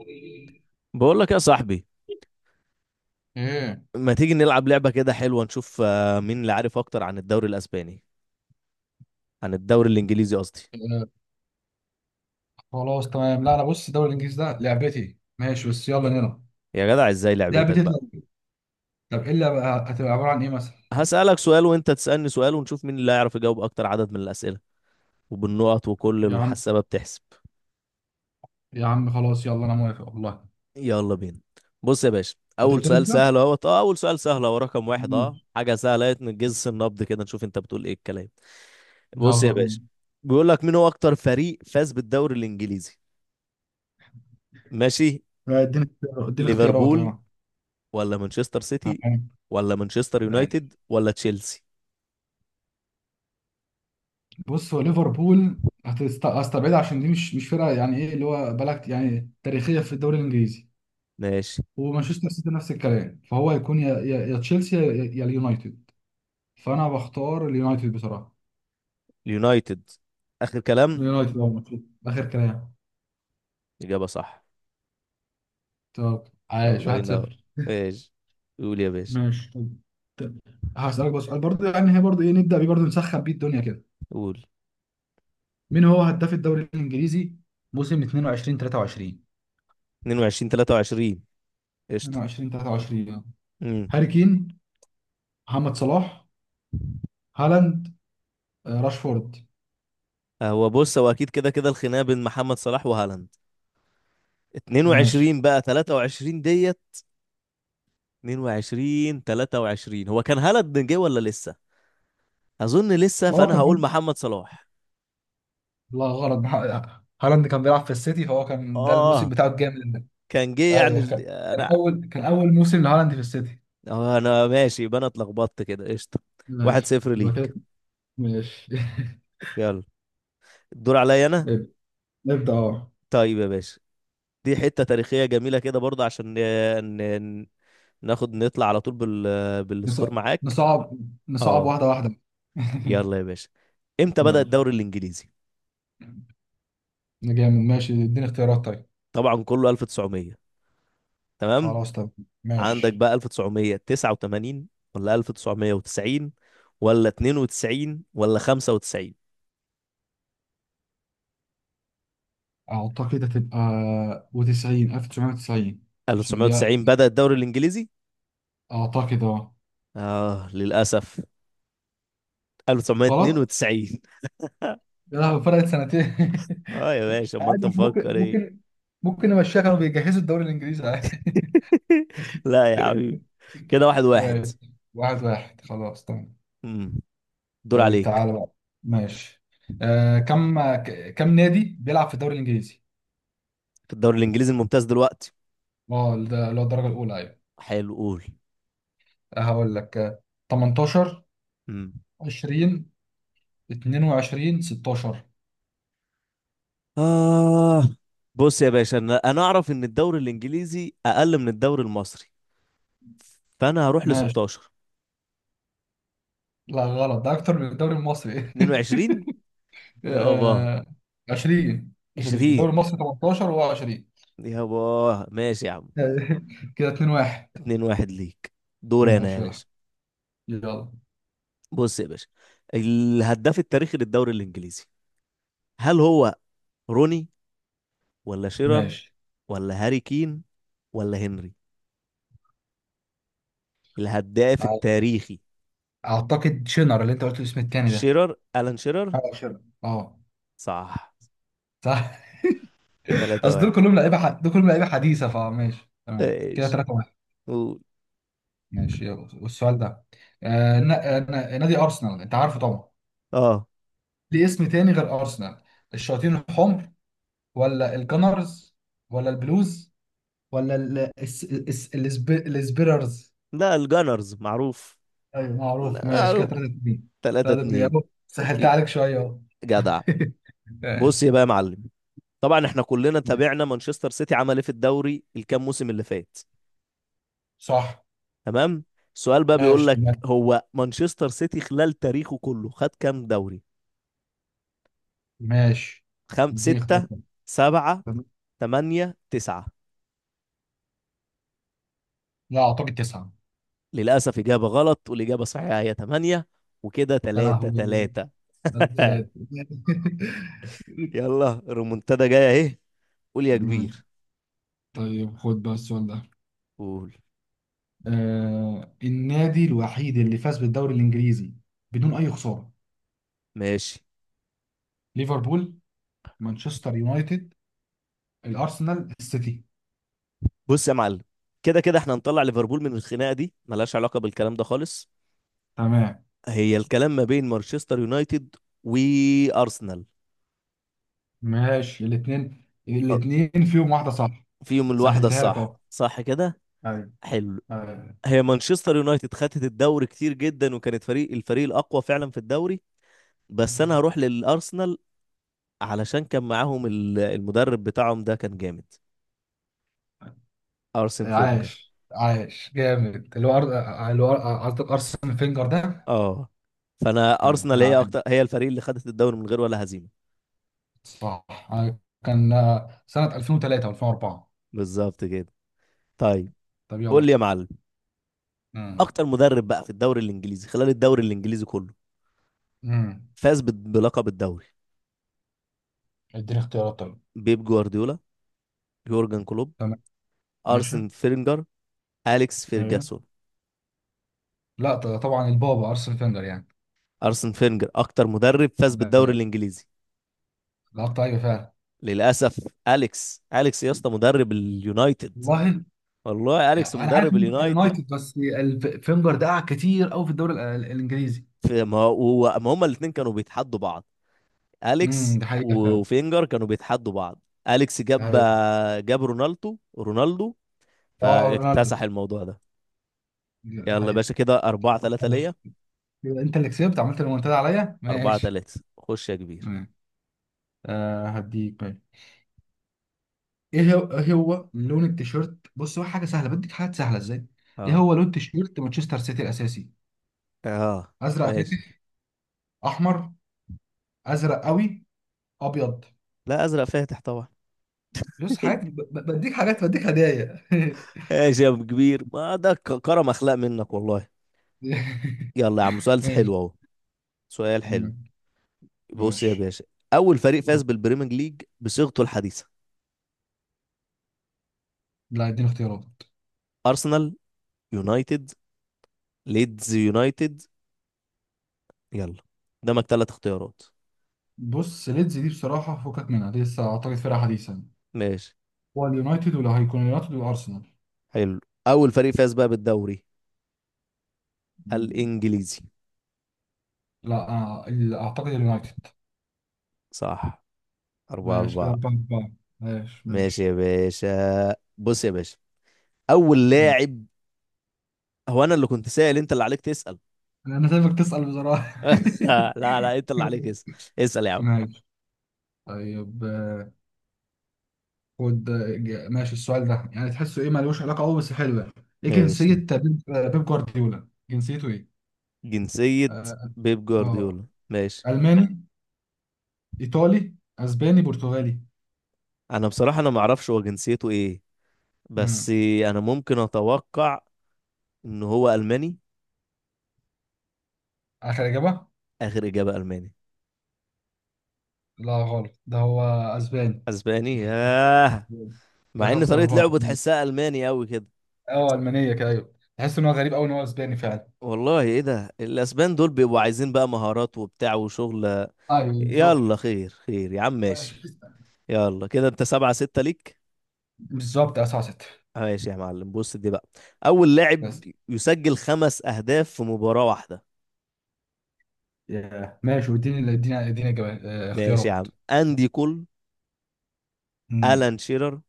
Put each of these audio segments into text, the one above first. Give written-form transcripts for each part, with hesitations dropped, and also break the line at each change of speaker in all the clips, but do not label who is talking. ايه.
بقول لك يا صاحبي،
آه،
ما تيجي نلعب لعبة كده حلوة نشوف مين اللي عارف اكتر عن الدوري الاسباني؟ عن الدوري الانجليزي قصدي.
خلاص تمام. لا، انا بص الدوري الانجليزي ده لعبتي، ماشي، بس يلا نلعب.
يا جدع ازاي لعبتك
لعبتي؟
بقى؟
طيب. طب ايه اللي هتبقى عباره عن ايه مثلا؟
هسألك سؤال وانت تسألني سؤال ونشوف مين اللي هيعرف يجاوب اكتر عدد من الأسئلة، وبالنقط وكل
يا عم،
الحسابة بتحسب.
يا عم، خلاص، يلا انا موافق والله.
يلا بينا. بص يا باشا،
هتبدا انت.
اول سؤال سهل اهو، رقم واحد،
مم.
حاجة سهلة اهي، نجز النبض كده نشوف انت بتقول ايه الكلام. بص يا
يلا بينا.
باشا، بيقول لك مين هو اكتر فريق فاز بالدوري الانجليزي؟ ماشي.
اديني اختيارات
ليفربول،
اه
ولا مانشستر سيتي،
تمام.
ولا مانشستر
ماشي.
يونايتد، ولا تشيلسي؟
بص، هو ليفربول هستبعدها عشان دي مش فرقه، يعني ايه اللي هو بلد يعني تاريخيه في الدوري الانجليزي.
ماشي.
ومانشستر سيتي نفس الكلام، فهو هيكون يا تشيلسي يا اليونايتد. فانا بختار اليونايتد بصراحه.
اليونايتد؟ آخر كلام؟
يونايتد هو المفروض. اخر كلام.
إجابة صح.
تمام. عايش
الله
واحد
ينور.
صفر.
ماشي. قول يا باشا.
ماشي. طب هسألك بس سؤال برضه، يعني هي برضه ايه نبدأ بيه برضه، نسخن بيه الدنيا كده.
قول.
مين هو هداف الدوري الإنجليزي موسم 22 23؟
22 23؟ قشطة.
22 23 .
امم
هاري كين، محمد صلاح، هالاند، راشفورد.
هو بص أكيد كده كده الخناقة بين محمد صلاح وهالاند.
ماشي.
22 بقى 23 ديت. 22 23، هو كان هالاند جه ولا لسه؟ أظن لسه،
هو
فأنا
كان
هقول
هم...
محمد صلاح.
لا غلط. هالاند كان بيلعب في السيتي، فهو كان ده الموسم
آه
بتاعه الجامد ده.
كان جه يعني
ايوه
ال...
كان. كان
أنا...
اول كان اول موسم لهالاند في السيتي.
اه انا ماشي، يبقى انا اتلخبطت كده. قشطه. واحد
ماشي،
صفر
يبقى
ليك.
كده. ماشي.
يلا، الدور عليا انا.
نبدأ اه
طيب يا باشا، دي حته تاريخيه جميله كده برضه عشان ن... ن... ناخد نطلع على طول بال...
نص-
بالسكور معاك.
نصعب. نصعب
اه
واحدة واحدة.
يلا يا باشا، امتى بدأ
يلا.
الدوري الانجليزي؟
جامد، ماشي، اديني اختيارات طيب.
طبعا كله 1900. تمام.
خلاص. طب
عندك
ماشي،
بقى 1989 ولا 1990 ولا 92 ولا 95؟
اعتقد هتبقى وتسعين، ألف تسعمية وتسعين. عشان دي،
1990 بدأ الدوري الانجليزي.
اعتقد اه
اه للاسف،
غلط.
1992.
يا لهوي، فرقت سنتين.
اه يا باشا امال انت
عادي، إحنا ممكن
مفكر ايه؟
ممكن ممكن نمشيها، كانوا بيجهزوا الدوري الانجليزي عادي.
لا يا حبيبي، كده واحد واحد.
ماشي. واحد واحد، خلاص تمام.
امم دور
طيب
عليك.
تعالى بقى. ماشي. كم نادي بيلعب في الدوري الانجليزي؟
في الدوري الانجليزي الممتاز دلوقتي.
اه، ده اللي هو الدرجة الأولى، أيوة.
حلو، قول.
هقول لك. 18،
امم
20، 22، 16.
اه بص يا باشا، انا اعرف ان الدوري الانجليزي اقل من الدوري المصري، فانا هروح ل
ماشي.
16.
لا غلط، ده أكتر من الدوري المصري.
22 يابا.
آه، 20. 20 الدوري
20
المصري 18، وهو 20.
يابا، ماشي يا عم.
كده 2 1.
2 1 ليك. دور انا يا
ماشي. يلا
باشا.
يلا.
بص يا باشا، الهداف التاريخي للدوري الانجليزي، هل هو روني ولا شيرر
ماشي.
ولا هاري كين ولا هنري؟ الهداف
أع-
التاريخي.
أعتقد شنر، اللي أنت قلت الاسم التاني ده.
شيرر، ألان شيرر.
اه شنر. اه
صح.
صح.
3
أصل دول
واحد.
كلهم لعيبة حديثة، فماشي تمام، كده
ايش؟
3.
قول.
ماشي يلا. والسؤال ده، نادي ارسنال انت عارفه طبعا،
اه
ليه اسم تاني غير ارسنال؟ الشياطين الحمر، ولا الجنرز، ولا البلوز، ولا السبيررز؟
لا، الجانرز معروف.
ايوه معروف. ماشي، كده
معروف.
3 2.
3
3 2،
2.
اهو سهلت عليك شويه اهو.
جدع. بص يا
ماشي.
بقى يا معلم، طبعا احنا كلنا تابعنا مانشستر سيتي عمل ايه في الدوري الكام موسم اللي فات.
صح.
تمام. السؤال بقى بيقول
ماشي
لك،
تمام.
هو مانشستر سيتي خلال تاريخه كله خد كام دوري؟
ماشي، اديني اختيار
ستة،
تاني.
سبعة، تمانية، تسعة؟
لا اعتقد تسعه.
للأسف إجابة غلط، والإجابة الصحيحة هي 8. وكده
يا
3
لهوي،
3.
ثلاثه.
يلا الريمونتادا جاية أهي. قول يا كبير.
طيب، خد بقى السؤال ده.
قول.
النادي الوحيد اللي فاز بالدوري الانجليزي بدون اي خساره؟
ماشي.
ليفربول، مانشستر يونايتد، الارسنال، السيتي.
بص يا معلم، كده كده احنا هنطلع ليفربول من الخناقة دي، ملهاش علاقة بالكلام ده خالص.
تمام.
هي الكلام ما بين مانشستر يونايتد وأرسنال.
ماشي، الاثنين
أه،
الاثنين فيهم واحده صح.
فيهم الواحدة
سهلتها لك
الصح،
اهو.
صح كده.
ايوه.
حلو.
آه،
هي مانشستر يونايتد خدت الدوري كتير جدا، وكانت الفريق الأقوى فعلا في الدوري، بس انا هروح للارسنال، علشان كان معاهم المدرب بتاعهم ده، كان جامد، ارسن فينجر.
عاش عاش جامد، اللي هو اللي هو قصدك ارسنال فينجر ده.
اه فانا
ايوه،
ارسنال هي
نعم،
اكتر، هي الفريق اللي خدت الدوري من غير ولا هزيمه.
صح. كان، سنه 2003 و2004.
بالظبط كده. طيب،
طب يلا.
قول لي يا معلم.
امم
اكتر مدرب بقى في الدوري الانجليزي، خلال الدوري الانجليزي كله،
امم
فاز بلقب الدوري.
اديني اختيارات طيب.
بيب جوارديولا، يورجن كلوب،
تمام ماشي.
ارسن فينجر، اليكس
ايوه.
فيرجاسون.
لا، طبعا البابا ارسنال فينجر يعني.
ارسن فينجر اكتر مدرب فاز بالدوري
أنا
الانجليزي.
لقطت، ايوه فعلا
للاسف، اليكس، اليكس يا اسطى، مدرب اليونايتد.
والله.
والله،
يعني
اليكس
انا عارف
مدرب
ان هو بتاع
اليونايتد.
اليونايتد، بس فينجر ده قعد كتير قوي في الدوري الانجليزي.
في، ما هما الاثنين كانوا بيتحدوا بعض. اليكس
ده حقيقه فعلا.
وفينجر كانوا بيتحدوا بعض. اليكس
ده
جاب
حقيقه.
جاب رونالدو رونالدو،
اه، رونالدو،
فاكتسح الموضوع ده.
ده
يلا يا
حقيقه.
باشا كده 4 3 ليا.
ماشي. يبقى انت اللي كسبت، عملت المنتدى عليا.
4
ماشي.
3 خش يا كبير.
تمام. هديك، ماشي. ايه هو إيه هو لون التيشيرت؟ بص، هو حاجه سهله، بديك حاجات سهله ازاي. ايه
اه،
هو لون تيشيرت مانشستر سيتي الاساسي؟
اه،
ازرق
ماشي.
فاتح، احمر، ازرق قوي، ابيض.
لا، ازرق فاتح طبعا.
بص حاجات، بديك حاجات، بديك هدايا.
ماشي يا أبو كبير، ما ده كرم اخلاق منك والله. يلا يا عم سؤال حلو
ماشي.
اهو. سؤال حلو. بص يا
ماشي.
باشا، اول فريق فاز بالبريمير ليج بصيغته الحديثه؟
لا، اديني اختيارات.
ارسنال، يونايتد، ليدز يونايتد، يلا، قدامك ثلاث اختيارات.
بص ليدز دي بصراحة فكك منها، دي لسه أعتقد فرقة حديثا.
ماشي.
هو اليونايتد، ولا هيكون اليونايتد والأرسنال.
حلو. اول فريق فاز بقى بالدوري
مم.
الانجليزي؟
لا أعتقد اليونايتد.
صح. أربعة
ماشي، كده
أربعة.
أربعة أربعة. ماشي
ماشي
ماشي.
يا باشا، بص يا باشا، اول
مم.
لاعب. هو انا اللي كنت سائل، انت اللي عليك تسأل.
أنا سايبك تسأل بصراحة.
لا لا، انت اللي عليك اسأل. اسأل يا عم.
ماشي. طيب، خد. ماشي، السؤال ده يعني تحسه ايه، ملوش علاقه قوي بس حلو يعني. ايه
ماشي.
جنسيه بيب؟ بيب جوارديولا جنسيته ايه؟
جنسية
اه.
بيب
آه.
جوارديولا؟ ماشي.
الماني، ايطالي، اسباني، برتغالي.
انا بصراحة انا ما اعرفش هو جنسيته ايه. بس،
امم
انا ممكن اتوقع ان هو الماني.
اخر اجابه.
اخر اجابة الماني.
لا غلط، ده هو اسباني.
اسباني؟ ياه.
كده
مع ان
خمسة
طريقه
أربعة.
لعبه تحسها الماني قوي كده.
اه ألمانية كده، أيوه، تحس إن هو غريب أوي إن هو أسباني فعلا.
والله ايه ده، الاسبان دول بيبقوا عايزين بقى مهارات وبتاع وشغل.
أيوه
يلا
بالظبط.
خير خير يا عم، ماشي.
ماشي
يلا كده انت سبعة ستة ليك.
بالظبط. سبعة ستة.
ماشي يا معلم، بص دي بقى اول لاعب
بس،
يسجل خمس اهداف في مباراة واحدة؟
ياه. ماشي، واديني اديني اديني إجابة- آه،
ماشي يا
اختيارات.
عم. اندي كول،
امم
الان شيرر،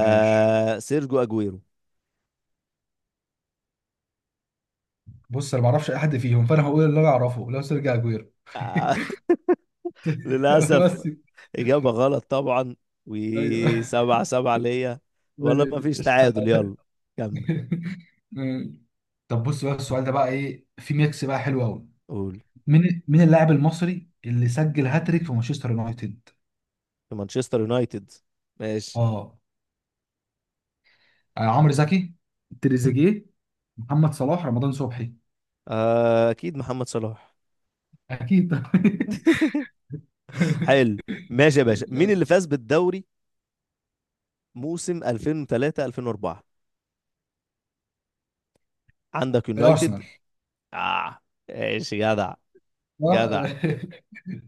ماشي.
سيرجو اجويرو.
بص انا ما اعرفش اي حد فيهم، فانا هقول اللي انا اعرفه، لو سيرجي اجويرو.
آه للاسف،
بس.
إجابة غلط طبعا.
ايوه.
وسبعة سبعة ليا. والله ما فيش تعادل. يلا، كمل.
طب بص بقى، السؤال ده بقى ايه، في ميكس بقى حلو قوي.
قول.
مين اللاعب المصري اللي سجل هاتريك في مانشستر يونايتد؟
في مانشستر يونايتد؟ ماشي.
اه. عمرو زكي، تريزيجيه، محمد صلاح، رمضان صبحي.
آه، أكيد محمد صلاح.
اكيد.
حلو. ماشي يا باشا، مين اللي فاز بالدوري موسم 2003 2004؟ عندك يونايتد.
الارسنال.
آه، ماشي، جدع. جدع.
آه،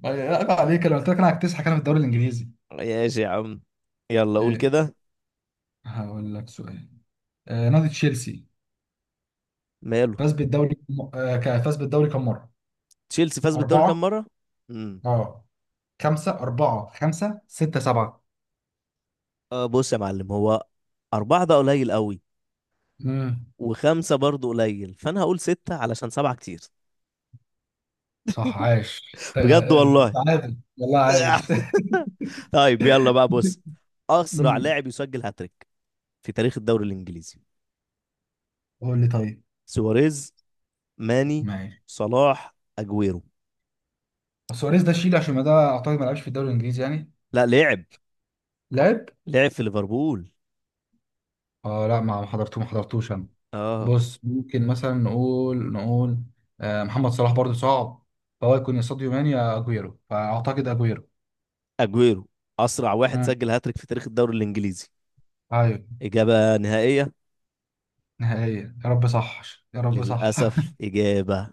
آه، عيب عليك، انا قلت لك انا هكتسحك انا في الدوري الانجليزي.
ماشي يا عم، يلا قول
آه.
كده.
هقول لك سؤال. آه، نادي تشيلسي
ماله؟
فاز بالدوري م- آه ك- فاز بالدوري كم مرة؟
تشيلسي فاز بالدوري كام
أربعة.
مرة؟ امم
اه خمسة، أربعة، خمسة، ستة، سبعة.
بص يا معلم، هو أربعة ده قليل قوي،
امم
وخمسة برضو قليل، فأنا هقول ستة، علشان سبعة كتير.
صح. عاش،
بجد والله.
تعادل والله، عاش.
طيب يلا بقى، بص. أسرع
امم.
لاعب يسجل هاتريك في تاريخ الدوري الإنجليزي؟
قول لي طيب.
سواريز، ماني،
ماشي.
صلاح، أجويرو.
سواريز ده شيل، عشان ما ده أعتقد ما لعبش في الدوري الإنجليزي يعني.
لا، لعب.
لعب؟
لعب في ليفربول.
اه لا، ما حضرتوش أنا.
اه.
بص ممكن مثلا نقول. محمد صلاح برضه صعب. فهو يكون يا ساديو ماني يا أجويرو، فأعتقد أجويرو.
أجويرو، أسرع واحد
امم
سجل هاتريك في تاريخ الدوري الإنجليزي،
ايوه.
إجابة نهائية.
نهائيا، يا رب صح، يا رب صح.
للأسف إجابة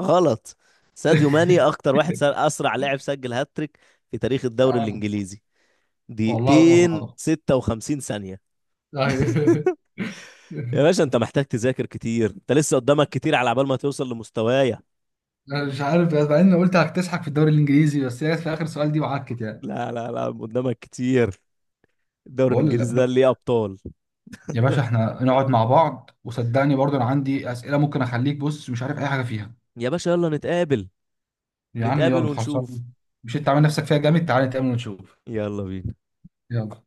غلط. ساديو ماني أكتر واحد أسرع لاعب سجل هاتريك في تاريخ الدوري
آه،
الإنجليزي،
والله أمر
دقيقتين
العظيم.
56 ثانية.
أيوه.
يا باشا انت محتاج تذاكر كتير، انت لسه قدامك كتير على عبال ما توصل لمستوايا.
أنا مش عارف، بس بعدين قلت هتسحك في الدوري الإنجليزي، بس هي جت في آخر سؤال دي وعكت يعني.
لا لا لا، قدامك كتير. الدوري
بقول لا
الانجليزي ده ليه ابطال.
يا باشا، احنا نقعد مع بعض وصدقني برضو أنا عندي أسئلة ممكن أخليك بص مش عارف أي حاجة فيها.
يا باشا يلا نتقابل.
يا عم
نتقابل
يلا،
ونشوف.
خلصان. مش أنت عامل نفسك فيها جامد؟ تعالى نتقابل ونشوف.
يلا بينا.
يلا.